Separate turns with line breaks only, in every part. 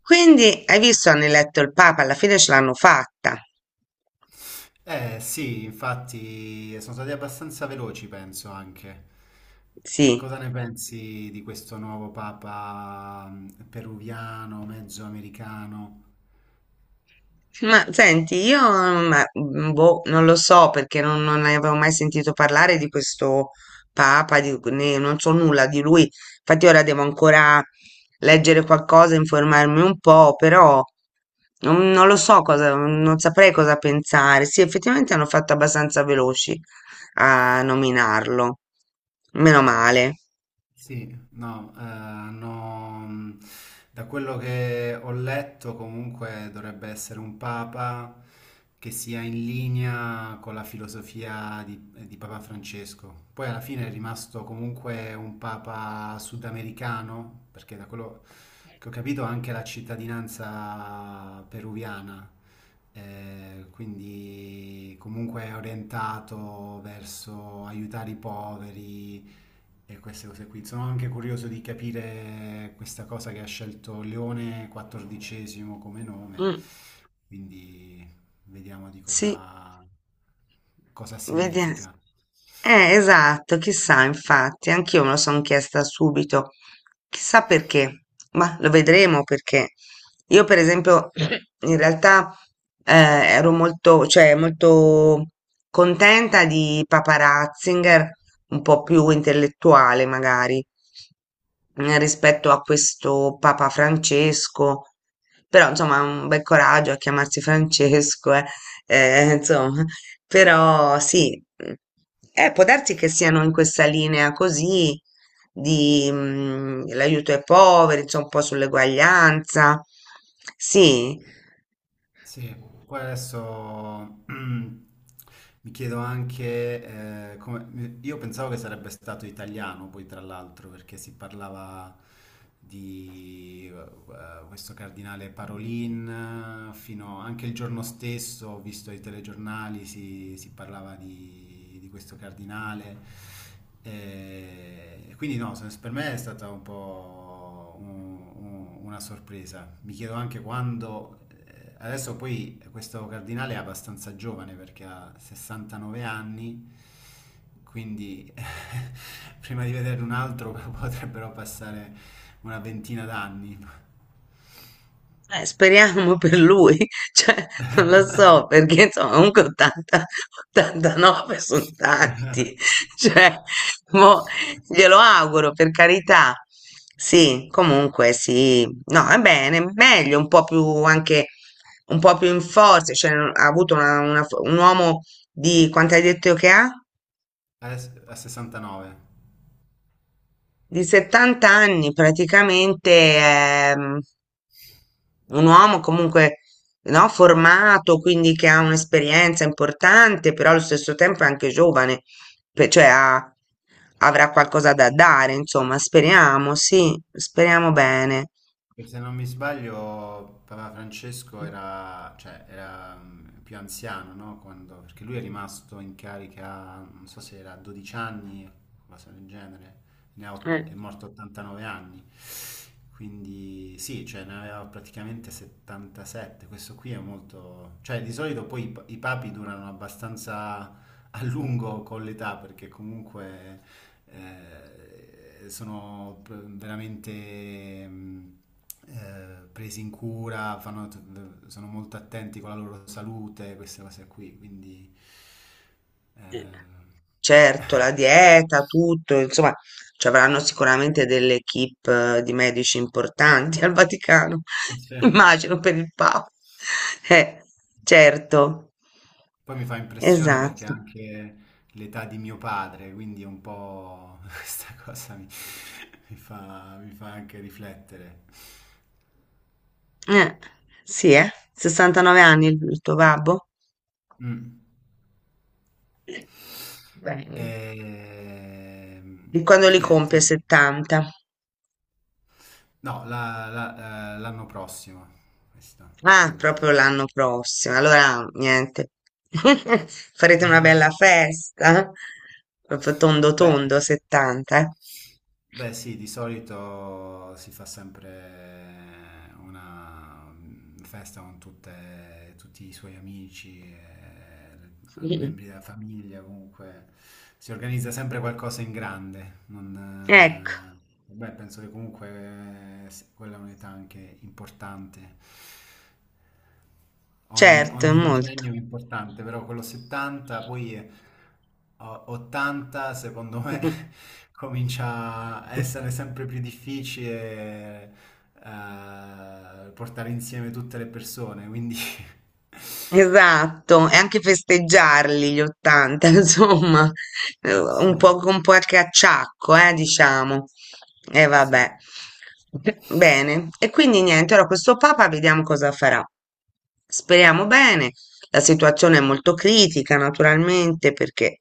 Quindi hai visto, hanno eletto il Papa, alla fine ce l'hanno fatta.
Eh sì, infatti sono stati abbastanza veloci, penso anche.
Sì,
Cosa ne pensi di questo nuovo papa peruviano, mezzo americano?
ma senti, boh, non lo so perché non ne avevo mai sentito parlare di questo Papa, non so nulla di lui. Infatti ora devo ancora leggere qualcosa, informarmi un po', però non lo so cosa, non saprei cosa pensare. Sì, effettivamente hanno fatto abbastanza veloci a nominarlo. Meno male.
Sì, no, da quello che ho letto comunque dovrebbe essere un papa che sia in linea con la filosofia di Papa Francesco. Poi alla fine è rimasto comunque un papa sudamericano, perché da quello che ho capito ha anche la cittadinanza peruviana, quindi comunque è orientato verso aiutare i poveri e queste cose qui. Sono anche curioso di capire questa cosa che ha scelto Leone XIV come nome,
Mm,
quindi vediamo di
sì.
cosa
Vediamo.
significa.
Esatto, chissà, infatti, anch'io me lo sono chiesta subito, chissà perché, ma lo vedremo perché io, per esempio, in realtà ero molto, cioè, molto contenta di Papa Ratzinger, un po' più intellettuale magari, rispetto a questo Papa Francesco, però insomma, un bel coraggio a chiamarsi Francesco, eh, insomma, però sì, può darsi che siano in questa linea così di l'aiuto ai poveri, insomma, un po' sull'eguaglianza. Sì,
Sì, poi adesso mi chiedo anche, io pensavo che sarebbe stato italiano poi tra l'altro perché si parlava di questo cardinale Parolin, fino anche il giorno stesso ho visto i telegiornali, si parlava di questo cardinale. E quindi no, per me è stata un po' una sorpresa. Mi chiedo anche quando... Adesso poi questo cardinale è abbastanza giovane perché ha 69 anni, quindi prima di vedere un altro potrebbero passare una ventina d'anni.
eh, speriamo per lui, cioè, non lo so, perché insomma, comunque 80, 89 sono tanti, cioè, mo, glielo auguro, per carità. Sì, comunque sì, no, è bene, meglio, un po' più anche, un po' più in forza, cioè, ha avuto un uomo di, quanto hai detto che ha?
A 69.
Di 70 anni, praticamente, ehm, un uomo comunque no, formato, quindi che ha un'esperienza importante, però allo stesso tempo è anche giovane, pe- cioè ha- avrà qualcosa da dare, insomma, speriamo, sì, speriamo
Sì.
bene.
E se non mi sbaglio, Papa Francesco era, cioè, era più anziano, no? Perché lui è rimasto in carica, non so se era a 12 anni, cosa del genere,
Eh,
è morto a 89 anni, quindi sì, cioè, ne aveva praticamente 77, questo qui è molto. Cioè di solito poi i papi durano abbastanza a lungo con l'età perché comunque sono veramente presi in cura, sono molto attenti con la loro salute, queste cose qui, quindi
eh.
eh,
Certo, la dieta, tutto, insomma, ci avranno sicuramente delle equip di medici importanti al Vaticano,
cioè,
immagino per il Papa. Eh, certo,
poi mi fa impressione perché
esatto.
anche l'età di mio padre, quindi un po' questa cosa mi fa anche riflettere.
Eh, sì, 69 anni il tuo babbo?
Mm.
Bene.
E,
Di quando
e
li
niente,
compie 70?
no, l'anno prossimo, questa,
Ah, proprio
quindi.
l'anno prossimo. Allora, niente. Farete una bella festa. Proprio tondo
Beh.
tondo 70, eh.
Beh sì, di solito si fa sempre una festa con tutti i suoi amici, e membri della famiglia, comunque si organizza sempre qualcosa in grande.
Ecco,
Non, Beh, penso che comunque sì, quella è un'età anche importante. Ogni,
certo, è
ogni
molto.
decennio è importante, però quello 70, poi 80 secondo me comincia a essere sempre più difficile portare insieme tutte le persone, quindi
Esatto, e anche festeggiarli gli 80, insomma,
sì,
un po' con qualche acciacco, diciamo. E vabbè.
sì.
Bene, e quindi niente, ora questo Papa vediamo cosa farà. Speriamo bene, la situazione è molto critica, naturalmente, perché,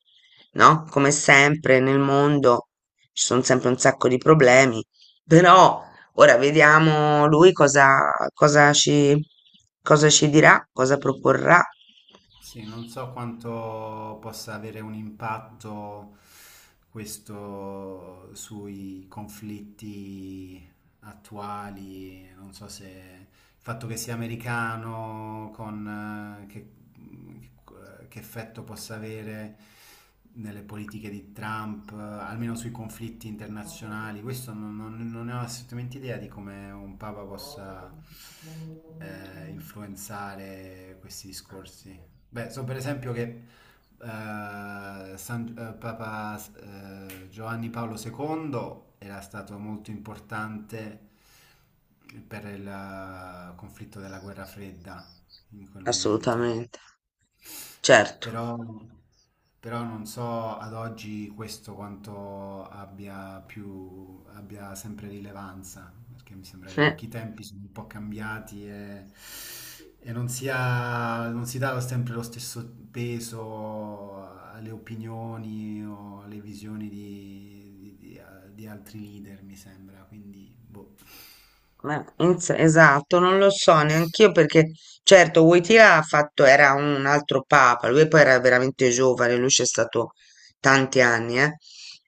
no, come sempre nel mondo ci sono sempre un sacco di problemi, però ora vediamo lui cosa ci dirà, cosa proporrà.
Sì, non so quanto possa avere un impatto questo sui conflitti attuali, non so se il fatto che sia americano, che effetto possa avere nelle politiche di Trump, almeno sui conflitti internazionali, questo non ne ho assolutamente idea di come un papa possa influenzare questi discorsi. Beh, so per esempio che Papa Giovanni Paolo II era stato molto importante per il conflitto della guerra fredda in quel momento.
Assolutamente, certo.
Però, però non so ad oggi questo quanto abbia più, abbia sempre rilevanza, perché mi sembra che
Eh.
anche i tempi sono un po' cambiati e non si dà sempre lo stesso peso alle opinioni o alle visioni di altri leader, mi sembra, quindi boh.
Ma esatto, non lo so neanch'io perché certo Wojtyla ha fatto, era un altro papa, lui poi era veramente giovane, lui c'è stato tanti anni, eh.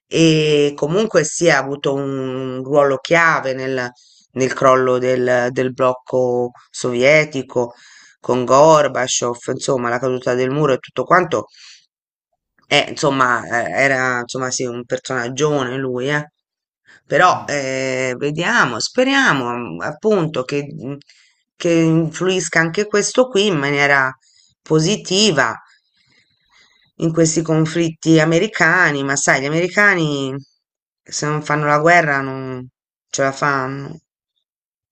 E comunque sì, ha avuto un ruolo chiave nel, nel crollo del, del blocco sovietico con Gorbaciov, insomma, la caduta del muro e tutto quanto era, insomma, sì, un personaggione lui, eh. Però
Mm.
vediamo, speriamo appunto che, che influisca anche questo qui in maniera positiva in questi conflitti americani, ma sai, gli americani se non fanno la guerra non ce la fanno,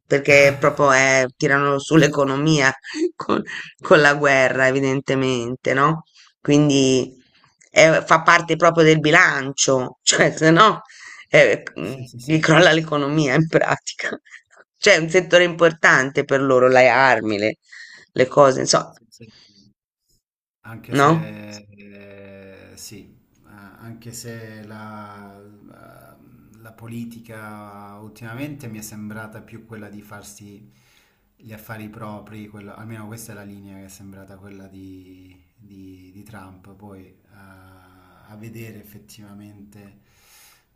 perché proprio tirano sull'economia con, con la guerra, evidentemente, no? Quindi fa parte proprio del bilancio, cioè se no eh, mm,
Sì, sì,
gli
sì.
crolla l'economia in pratica. Cioè è un settore importante per loro, le armi, le cose, insomma,
Sì, sì. Anche
no?
se, sì, anche se la politica ultimamente mi è sembrata più quella di farsi gli affari propri, almeno questa è la linea che è sembrata quella di Trump, poi a vedere effettivamente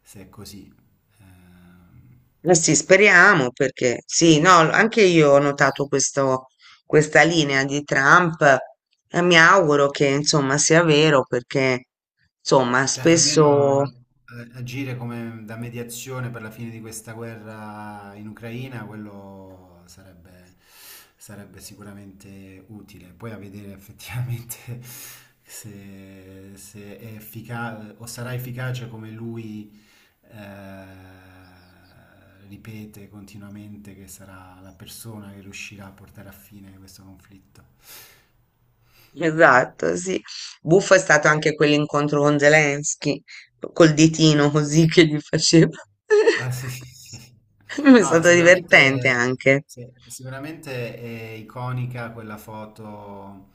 se è così. Ehm,
Eh sì, speriamo perché sì, no, anche io ho notato questa linea di Trump e mi auguro che insomma sia vero perché insomma
Cioè,
spesso
almeno agire come da mediazione per la fine di questa guerra in Ucraina, quello sarebbe sicuramente utile. Poi a vedere effettivamente se è efficace o sarà efficace come lui eh, ripete continuamente che sarà la persona che riuscirà a portare a fine questo conflitto.
esatto, sì. Buffo è stato anche quell'incontro con Zelensky, col ditino così che gli faceva.
Ah, sì, sì, sì. Sì.
È
No,
stato divertente
sicuramente,
anche.
sì, sicuramente è iconica quella foto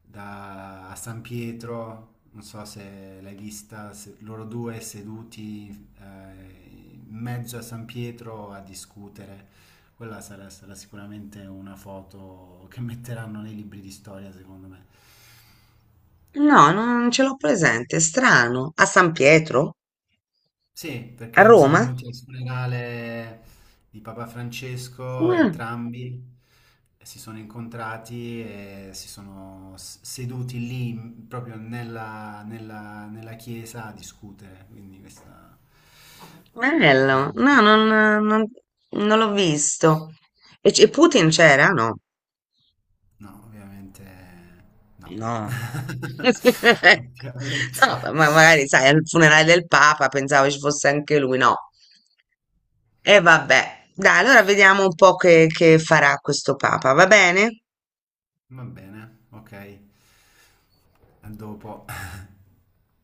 a San Pietro, non so se l'hai vista, loro due seduti eh, in mezzo a San Pietro a discutere. Quella sarà sicuramente una foto che metteranno nei libri di storia, secondo me.
No, non ce l'ho presente, è strano. A San Pietro?
Sì,
A
perché sono
Roma?
venuti al funerale di Papa Francesco,
Mm,
entrambi e si sono incontrati e si sono seduti lì, proprio nella chiesa a discutere. Quindi questa era...
bello.
una-
No, non, non- non l'ho visto. E Putin c'era? No.
No, ovviamente no.
No. No,
Ovviamente.
ma magari sai, al funerale del Papa pensavo ci fosse anche lui, no. E vabbè, dai, allora vediamo un po' che farà questo Papa, va bene?
Va bene, ok. A dopo.